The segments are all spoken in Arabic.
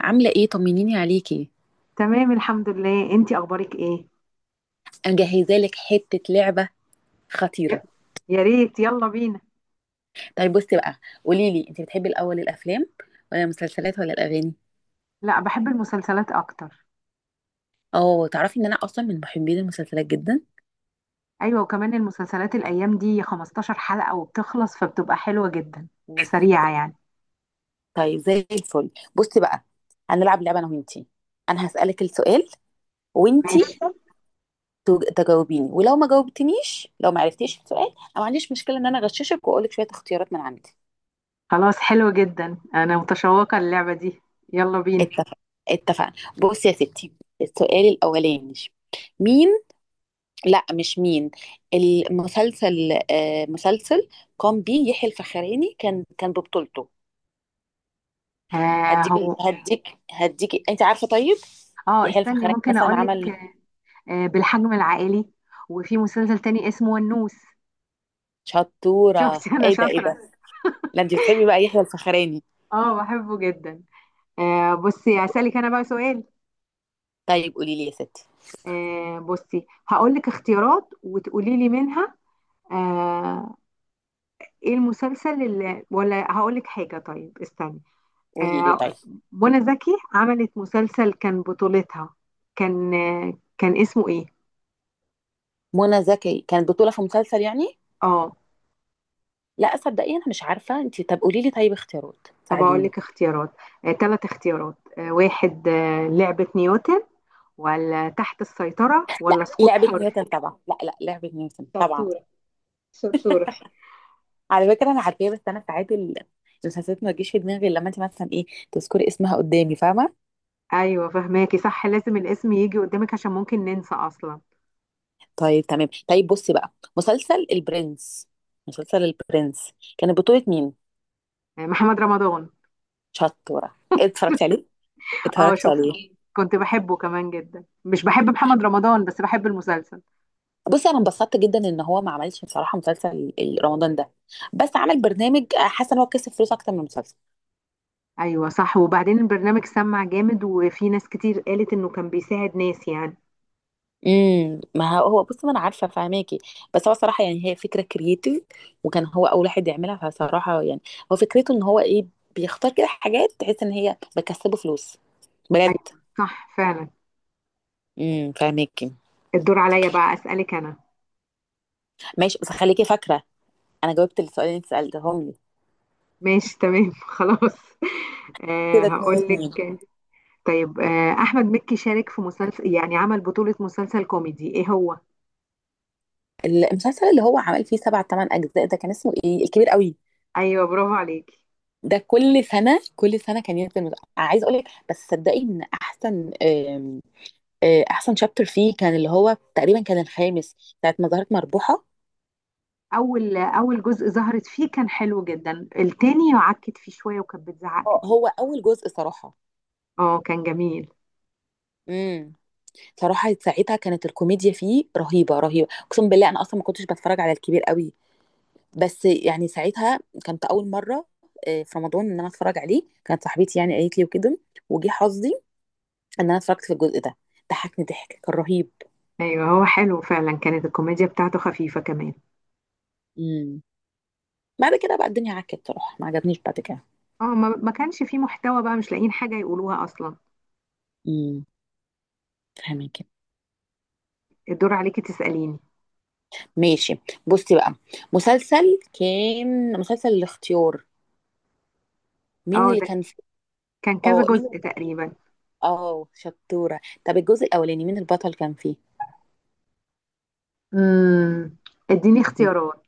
عاملة ايه؟ طمنيني عليكي. تمام، الحمد لله. انتي اخبارك ايه؟ انا جاهزة لك حتة لعبة ي- خطيرة. يا ريت، يلا بينا. طيب بصي بقى، قولي لي انت بتحبي الاول؟ الافلام ولا المسلسلات ولا الاغاني؟ لا، بحب المسلسلات اكتر. اه، تعرفي ان انا اصلا من محبين المسلسلات جدا. ايوه، وكمان المسلسلات الايام دي 15 حلقة وبتخلص، فبتبقى حلوة جدا وسريعة يعني. طيب زي الفل. بصي بقى، هنلعب لعبة انا وانتي. انا هسألك السؤال ماشي. وانتي تجاوبيني، ولو ما جاوبتنيش، لو ما عرفتيش السؤال، انا ما عنديش مشكلة ان انا اغششك واقولك شوية اختيارات من عندي. خلاص، حلو جدا، انا متشوقة للعبة دي. يلا بينا. اتفق، اتفقنا. بصي يا ستي، السؤال الاولاني، مين. لا مش مين، المسلسل. مسلسل قام بيه يحيى الفخراني، كان ببطولته. آه، هديك، هو. هديك انت عارفه؟ طيب، اه، يحيى استني الفخراني ممكن مثلا اقولك. عمل. آه، بالحجم العائلي. وفي مسلسل تاني اسمه النوس. شطوره! شفتي انا ايه ده ايه شاطرة. ده. لا انت بتحبي بقى يحيى الفخراني؟ اه، بحبه جدا. آه، بصي اسالك انا بقى سؤال. طيب قولي لي يا ستي. آه، بصي هقول لك اختيارات وتقولي لي منها. آه. ايه المسلسل اللي، ولا هقول لك حاجة، طيب استني. قولي لي آه، طيب، منى زكي عملت مسلسل كان بطولتها. كان اسمه ايه؟ منى زكي كانت بطوله في مسلسل يعني. اه. لا صدقيني انا مش عارفه، انت طب قولي لي طيب اختيارات، طب اقول ساعديني. لك اختيارات. آه، 3 اختيارات. آه واحد، لعبة نيوتن ولا تحت السيطرة لا، ولا سقوط لعبه نيوتن حر. طبعا. لا لعبه نيوتن طبعا. شطورة. شطورة. على فكرة أنا عارفاه، بس أنا ساعات المسلسلات ما تجيش في دماغي إلا لما أنت مثلا إيه، تذكري اسمها قدامي، فاهمة؟ ايوه، فهماكي صح، لازم الاسم يجي قدامك عشان ممكن ننسى اصلا. طيب تمام. طيب بصي بقى، مسلسل البرنس، مسلسل البرنس كان بطولة مين؟ آه، محمد رمضان. شطورة! اتفرجتي عليه؟ اه، اتفرجت شفته. عليه. كنت بحبه كمان جدا، مش بحب محمد رمضان بس بحب المسلسل. بصي أنا انبسطت جدا إن هو ما عملش بصراحة مسلسل رمضان ده، بس عمل برنامج. حاسة إن هو كسب فلوس أكتر من المسلسل. ايوه صح. وبعدين البرنامج سمع جامد وفي ناس كتير قالت انه كان بيساعد ناس يعني. ما هو هو بص، ما انا عارفه فاهماكي. بس هو صراحه يعني هي فكره كرييتيف، وكان هو اول واحد يعملها، فصراحه يعني هو فكرته ان هو ايه، بيختار كده حاجات تحس ان هي بتكسبه فلوس بجد. ايوه صح فعلا. فاهماكي. الدور عليا بقى اسالك انا. ماشي، بس خليكي فاكره انا جاوبت السؤال اللي انت سالتهم لي. ماشي تمام. خلاص. آه، كده اتنين هقول اتنين. لك. طيب، آه احمد مكي شارك في مسلسل، يعني عمل بطولة مسلسل كوميدي، ايه هو؟ المسلسل اللي هو عمل فيه سبع تمن اجزاء ده كان اسمه ايه؟ الكبير قوي. ايوه، برافو عليكي. ده كل سنه كل سنه كان ينزل عايز اقول لك، بس صدقي ان احسن، احسن شابتر فيه كان اللي هو تقريبا كان الخامس، ساعه ما ظهرت مربوحه. اول، اول جزء ظهرت فيه كان حلو جدا. التاني عكت فيه شوية وكانت بتزعق كتير. هو اول جزء صراحه. اه، كان جميل. امم صراحه ساعتها كانت الكوميديا فيه رهيبه رهيبه، اقسم بالله انا اصلا ما كنتش بتفرج على الكبير قوي، بس يعني ساعتها كانت اول مره في رمضان ان انا اتفرج عليه، كانت صاحبتي يعني قالت لي وكده، وجي حظي ان انا اتفرجت في الجزء ده، ضحكني ضحك كان رهيب. ايوه، هو حلو فعلا، كانت الكوميديا بتاعته خفيفة كمان. امم بعد كده بقى الدنيا عكت بصراحه، ما عجبنيش بعد كده. اه، ما كانش فيه محتوى بقى، مش لاقيين حاجة يقولوها اصلا. امم فاهمك. الدور عليكي تسأليني. ماشي، بصي بقى، مسلسل كان، مسلسل الاختيار، مين اه، اللي ده كان فيه؟ كان كذا اه، مين اللي جزء كان؟ تقريبا. اه، شطورة. طب الجزء الأولاني مين البطل كان فيه؟ امم اديني اختيارات.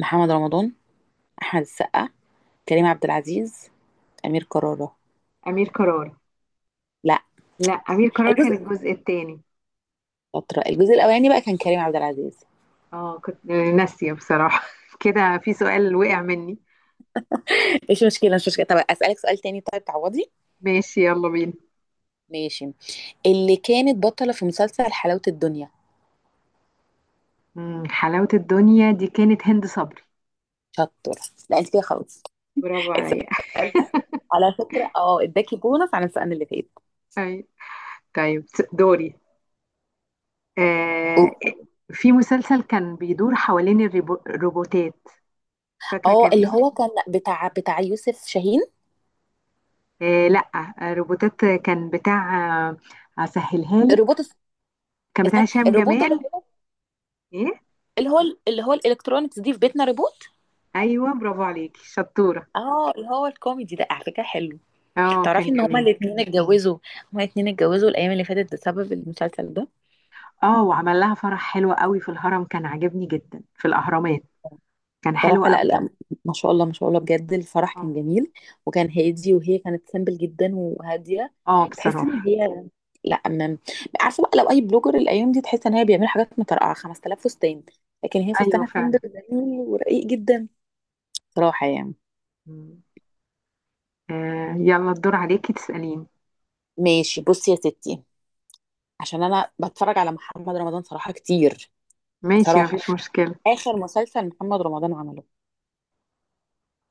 محمد رمضان، أحمد السقا، كريم عبد العزيز، أمير كرارة؟ امير قرار. لا، لا، امير قرار كان الجزء. الجزء التاني. شاطرة، الجزء الأولاني بقى كان كريم عبد العزيز. اه، كنت ناسية بصراحة. كده في سؤال وقع مني. مش مشكلة مش مشكلة. طب أسألك سؤال تاني، طيب تعوضي. ماشي، يلا بينا. ماشي. اللي كانت بطلة في مسلسل حلاوة الدنيا؟ حلاوة الدنيا دي كانت هند صبري. شطورة! لا انت كده خلاص. برافو عليا. السؤال ده، على فكرة اه اداكي بونص عن السؤال اللي فات. أي. طيب، دوري. آه، أوك. في مسلسل كان بيدور حوالين الروبوتات. فاكرة اه كان اللي ايه؟ هو كان بتاع يوسف شاهين. آه لا. آه، روبوتات، كان بتاع. آه، هسهلها لك. روبوت الس- كان بتاع استنى، هشام الروبوت اللي جمال. هو، ايه؟ اللي هو، اللي هو الالكترونكس دي في بيتنا روبوت. ايوه، برافو عليكي، شطورة. اه، اللي هو الكوميدي ده، على فكره حلو. اه، تعرفي كان ان هما جميل. الاثنين اتجوزوا؟ هما الاثنين اتجوزوا الايام اللي فاتت بسبب المسلسل ده. اه، وعمل لها فرح حلو قوي في الهرم، كان عاجبني جدا في الاهرامات. كان حلو صراحة لا قوي. لا، ما شاء الله ما شاء الله، بجد الفرح اه. كان جميل. وكان هادي، وهي كانت سامبل جدا وهادية، اه، تحس ان بصراحة. هي، لا أمام، عارفة بقى لو اي بلوجر الايام دي تحس ان هي بيعمل حاجات مترقعة، 5,000 فستان، لكن هي ايوه فستانها سامبل فعلا. جميل ورقيق جدا، صراحة يعني. مم. آه، يلا الدور عليكي تسأليني. ماشي، بصي يا ستي، عشان انا بتفرج على محمد رمضان صراحة كتير، ماشي، صراحة مفيش مشكلة. اخر مسلسل محمد رمضان عمله؟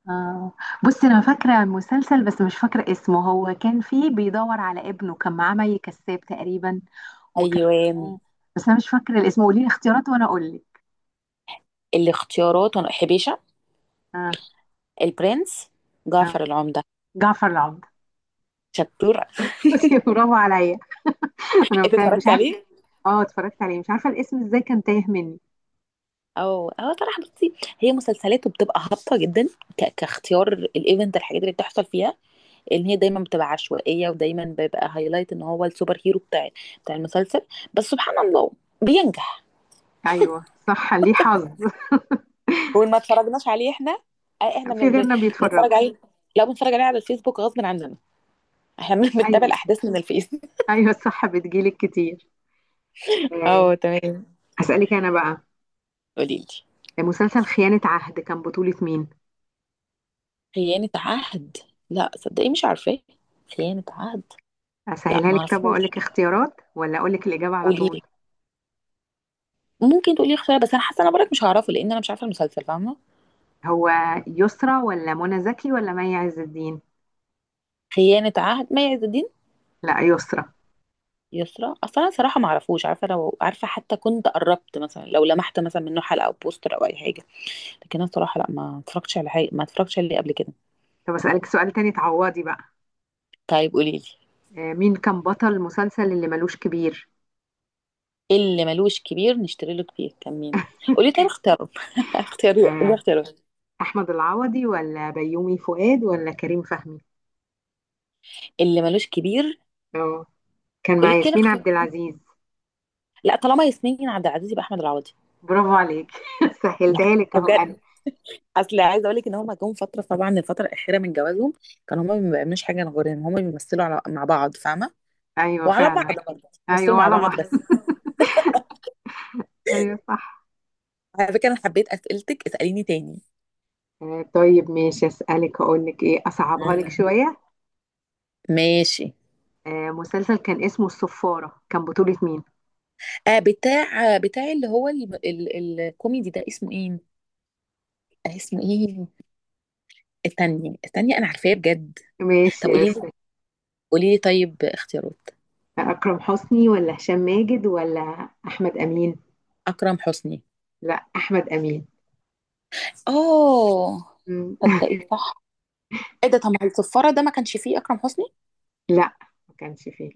آه. بصي انا فاكره مسلسل بس مش فاكره اسمه، هو كان فيه بيدور على ابنه، كان معاه مي كساب تقريبا، وكان ايوه. معاه. بس انا مش فاكره الاسم، قولي لي اختيارات وانا اقول لك. الاختيارات حبيشة، آه. البرنس، آه. جعفر العمدة. جعفر العمدة. شطور! بصي، برافو عليا. انا انت كان مش اتفرجت عارفه. عليه؟ اه، اتفرجت عليه، مش عارفه الاسم ازاي كان تايه مني. او اه صراحه بصي، هي مسلسلاته بتبقى هابطه جدا، كاختيار الايفنت، الحاجات اللي بتحصل فيها ان هي دايما بتبقى عشوائيه، ودايما بيبقى هايلايت ان هو السوبر هيرو بتاع المسلسل، بس سبحان الله بينجح. ايوه صح، ليه حظ. وإن ما اتفرجناش عليه احنا، احنا في غيرنا بنتفرج بيتفرجوا. عليه. لو بنتفرج عليه على الفيسبوك غصب عننا، احنا بنتابع ايوه الاحداث من الفيس. ايوه، الصح بتجيلك كتير. آه. اه تمام. اسالك انا بقى. قولي لي. مسلسل خيانه عهد كان بطوله مين؟ خيانه عهد؟ لا صدقي مش عارفاه، خيانه عهد. لا اسهلها لك، طب اقول معرفوش. لك اختيارات ولا اقول لك الاجابه على قولي طول. لي، ممكن تقولي اختيار بس انا حاسه انا برك مش هعرفه، لان انا مش عارفه المسلسل، فاهمه؟ هو يسرى ولا منى زكي ولا مي عز الدين؟ خيانه عهد، مي عز الدين. لا، يسرى. يسرا؟ اصلا انا صراحه ما اعرفوش، عارفه لو عارفه حتى كنت قربت مثلا، لو لمحت مثلا منه حلقه او بوستر او اي حاجه، لكن انا صراحه لا، ما اتفرجتش على حاجه، ما اتفرجتش عليه قبل كده. طب اسالك سؤال تاني تعوضي بقى. طيب قولي لي. مين كان بطل المسلسل اللي ملوش كبير؟ إيه اللي ملوش كبير؟ نشتري له كبير. كان مين؟ قولي طيب اختاره. لا اختياري، قولي آه، اختياري. احمد العوضي ولا بيومي فؤاد ولا كريم فهمي؟ اللي ملوش كبير. اه، كان مع قولي كده ياسمين اختيار. عبد العزيز. لا، طالما ياسمين عبد العزيز يبقى احمد العوضي. برافو عليك. سهلتها لك لا اهو انا. بجد، اصل عايزه اقول لك ان هما جم فتره، طبعا الفتره الاخيره من جوازهم كانوا هما ما بيعملوش حاجه غير ان هما بيمثلوا على مع بعض، فاهمه؟ ايوه وعلى بعض فعلا. برضه ايوه بيمثلوا مع ولا بعض بحر. بس. ايوه صح. على فكره انا حبيت اسئلتك، اساليني تاني. طيب ماشي اسالك، اقول لك ايه، اصعبها لك مم. شويه. ماشي. مسلسل كان اسمه الصفارة كان بطولة مين؟ آه بتاع، بتاع اللي هو ال... ال... الكوميدي ده، اسمه ايه؟ آه اسمه ايه؟ التانية التانية، انا عارفاه بجد. ماشي طب قولي بس. لي، قولي لي طيب اختيارات. أكرم حسني ولا هشام ماجد ولا أحمد أمين؟ اكرم حسني. لا، أحمد أمين. اه. مم. تصدقي صح! ايه ده، طب ما الصفاره ده ما كانش فيه اكرم حسني، لا، ما كانش فيه.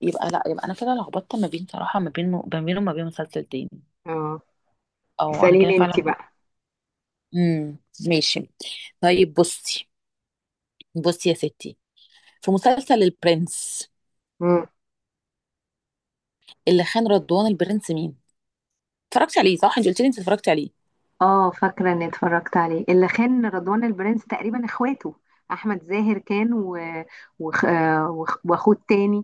يبقى لا، يبقى انا كده لخبطت ما بين صراحه، ما بين، ما بينه وما بين مسلسل تاني. اه، او انا كده اسأليني انت فعلا. بقى. امم ماشي. طيب بصي، بصي يا ستي، في مسلسل البرنس، مم. اللي خان رضوان البرنس مين؟ اتفرجتي عليه صح، انت قلت لي انت اتفرجتي عليه. اه، فاكرة اني اتفرجت عليه، اللي خان رضوان البرنس تقريبا اخواته. أحمد زاهر كان، و... واخوه التاني.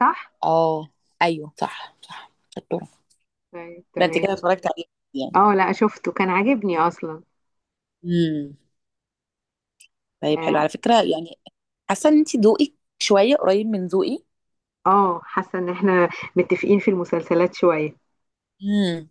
صح؟ اه ايوه صح صح، شطوره. طيب ده انت تمام. كده اتفرجتي عليه يعني. اه لا، شفته كان عاجبني أصلا. امم طيب حلو على اه. فكره يعني، حاسه ان انت ذوقك شويه قريب من ذوقي. آه، حاسة ان احنا متفقين في المسلسلات شوية. امم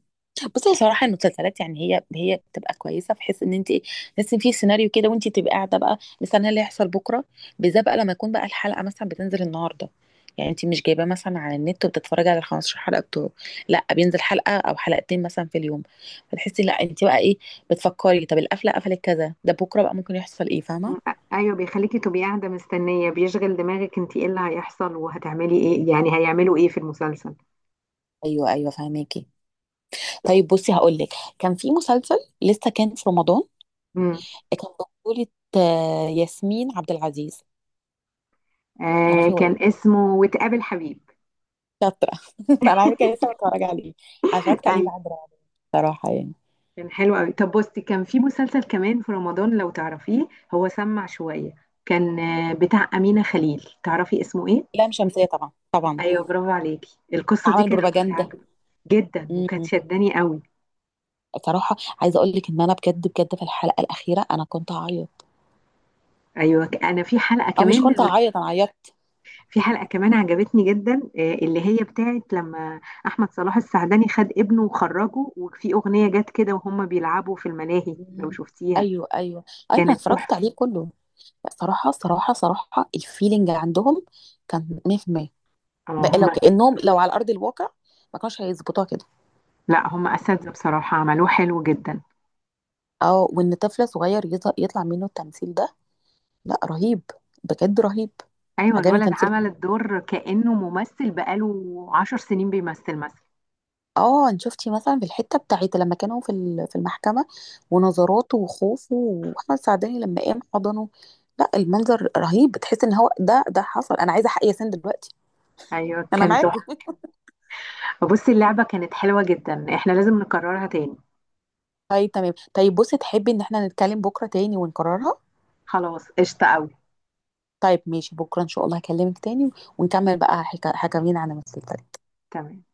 بصي صراحه المسلسلات يعني، هي بتبقى كويسه في حيث ان انت ايه، بس في سيناريو كده وانت تبقى قاعده بقى مستنيه اللي هيحصل بكره، بالذات بقى لما يكون بقى الحلقه مثلا بتنزل النهارده، يعني انت مش جايباه مثلا على النت وبتتفرجي على ال 15 حلقه بتوعه، لا بينزل حلقه او حلقتين مثلا في اليوم، فتحسي لا انت بقى ايه، بتفكري طب القفله قفلت كذا ده بكره بقى ممكن يحصل ايه، فاهمه؟ م- ايوه، بيخليكي تبقي قاعده مستنيه، بيشغل دماغك انت ايه اللي هيحصل وهتعملي ايه، يعني هيعملوا ايه في المسلسل. ايوه ايوه فاهماكي. طيب بصي هقول لك، كان في مسلسل لسه كان في رمضان، امم. كان بطولة ياسمين عبد العزيز. آه، تعرفي هو كان ايه؟ اسمه وتقابل حبيب. شاطرة فانا عايزة كده لسه بتفرج عليه، انا اتفرجت عليه ايوه بعد رعب بصراحة يعني. كان حلو قوي. طب بصي، كان في مسلسل كمان في رمضان لو تعرفيه، هو سمع شويه، كان بتاع امينه خليل، تعرفي اسمه ايه؟ لام شمسية طبعا طبعا، ايوه برافو عليكي، القصه دي عمل كانت بروباجندا. عجبة جدا وكانت امم شداني قوي. صراحة، عايزة اقول لك ان انا بجد بجد في الحلقة الأخيرة انا كنت هعيط، ايوه انا في حلقه او مش كمان، كنت هعيط، انا عيطت. في حلقة كمان عجبتني جدا، اللي هي بتاعت لما أحمد صلاح السعدني خد ابنه وخرجه وفي أغنية جت كده وهم بيلعبوا في الملاهي، لو مم. شفتيها. ايوه ايوه. أيوة، انا كانت اتفرجت تحفة. عليه كله. لا، صراحة صراحة صراحة الفيلينج عندهم كان 100%، اه بقى لو هم. كأنهم لو على أرض الواقع ما كانوش هيظبطوها كده. لا، هم أساتذة بصراحة، عملوه حلو جدا. اه، وان طفل صغير يطلع منه التمثيل ده، لا رهيب، بجد رهيب. أيوة، عجبني الولد تمثيله. عمل الدور كأنه ممثل بقاله 10 سنين بيمثل مثلا. اه انت شفتي مثلا في الحته بتاعت لما كانوا في في المحكمه، ونظراته وخوفه، واحمد سعداني لما قام حضنه، لا المنظر رهيب، بتحس ان هو ده حصل، انا عايزه حق ياسين دلوقتي. أيوة انا كان تحفة. معاكم بصي، اللعبة كانت حلوة جدا، احنا لازم نكررها تاني. طيب تمام، طيب بصي، تحبي ان احنا نتكلم بكره تاني ونكررها؟ خلاص قشطة أوي. طيب ماشي، بكره ان شاء الله هكلمك تاني، ونكمل بقى حكاوينا عن المسلسل. تمام.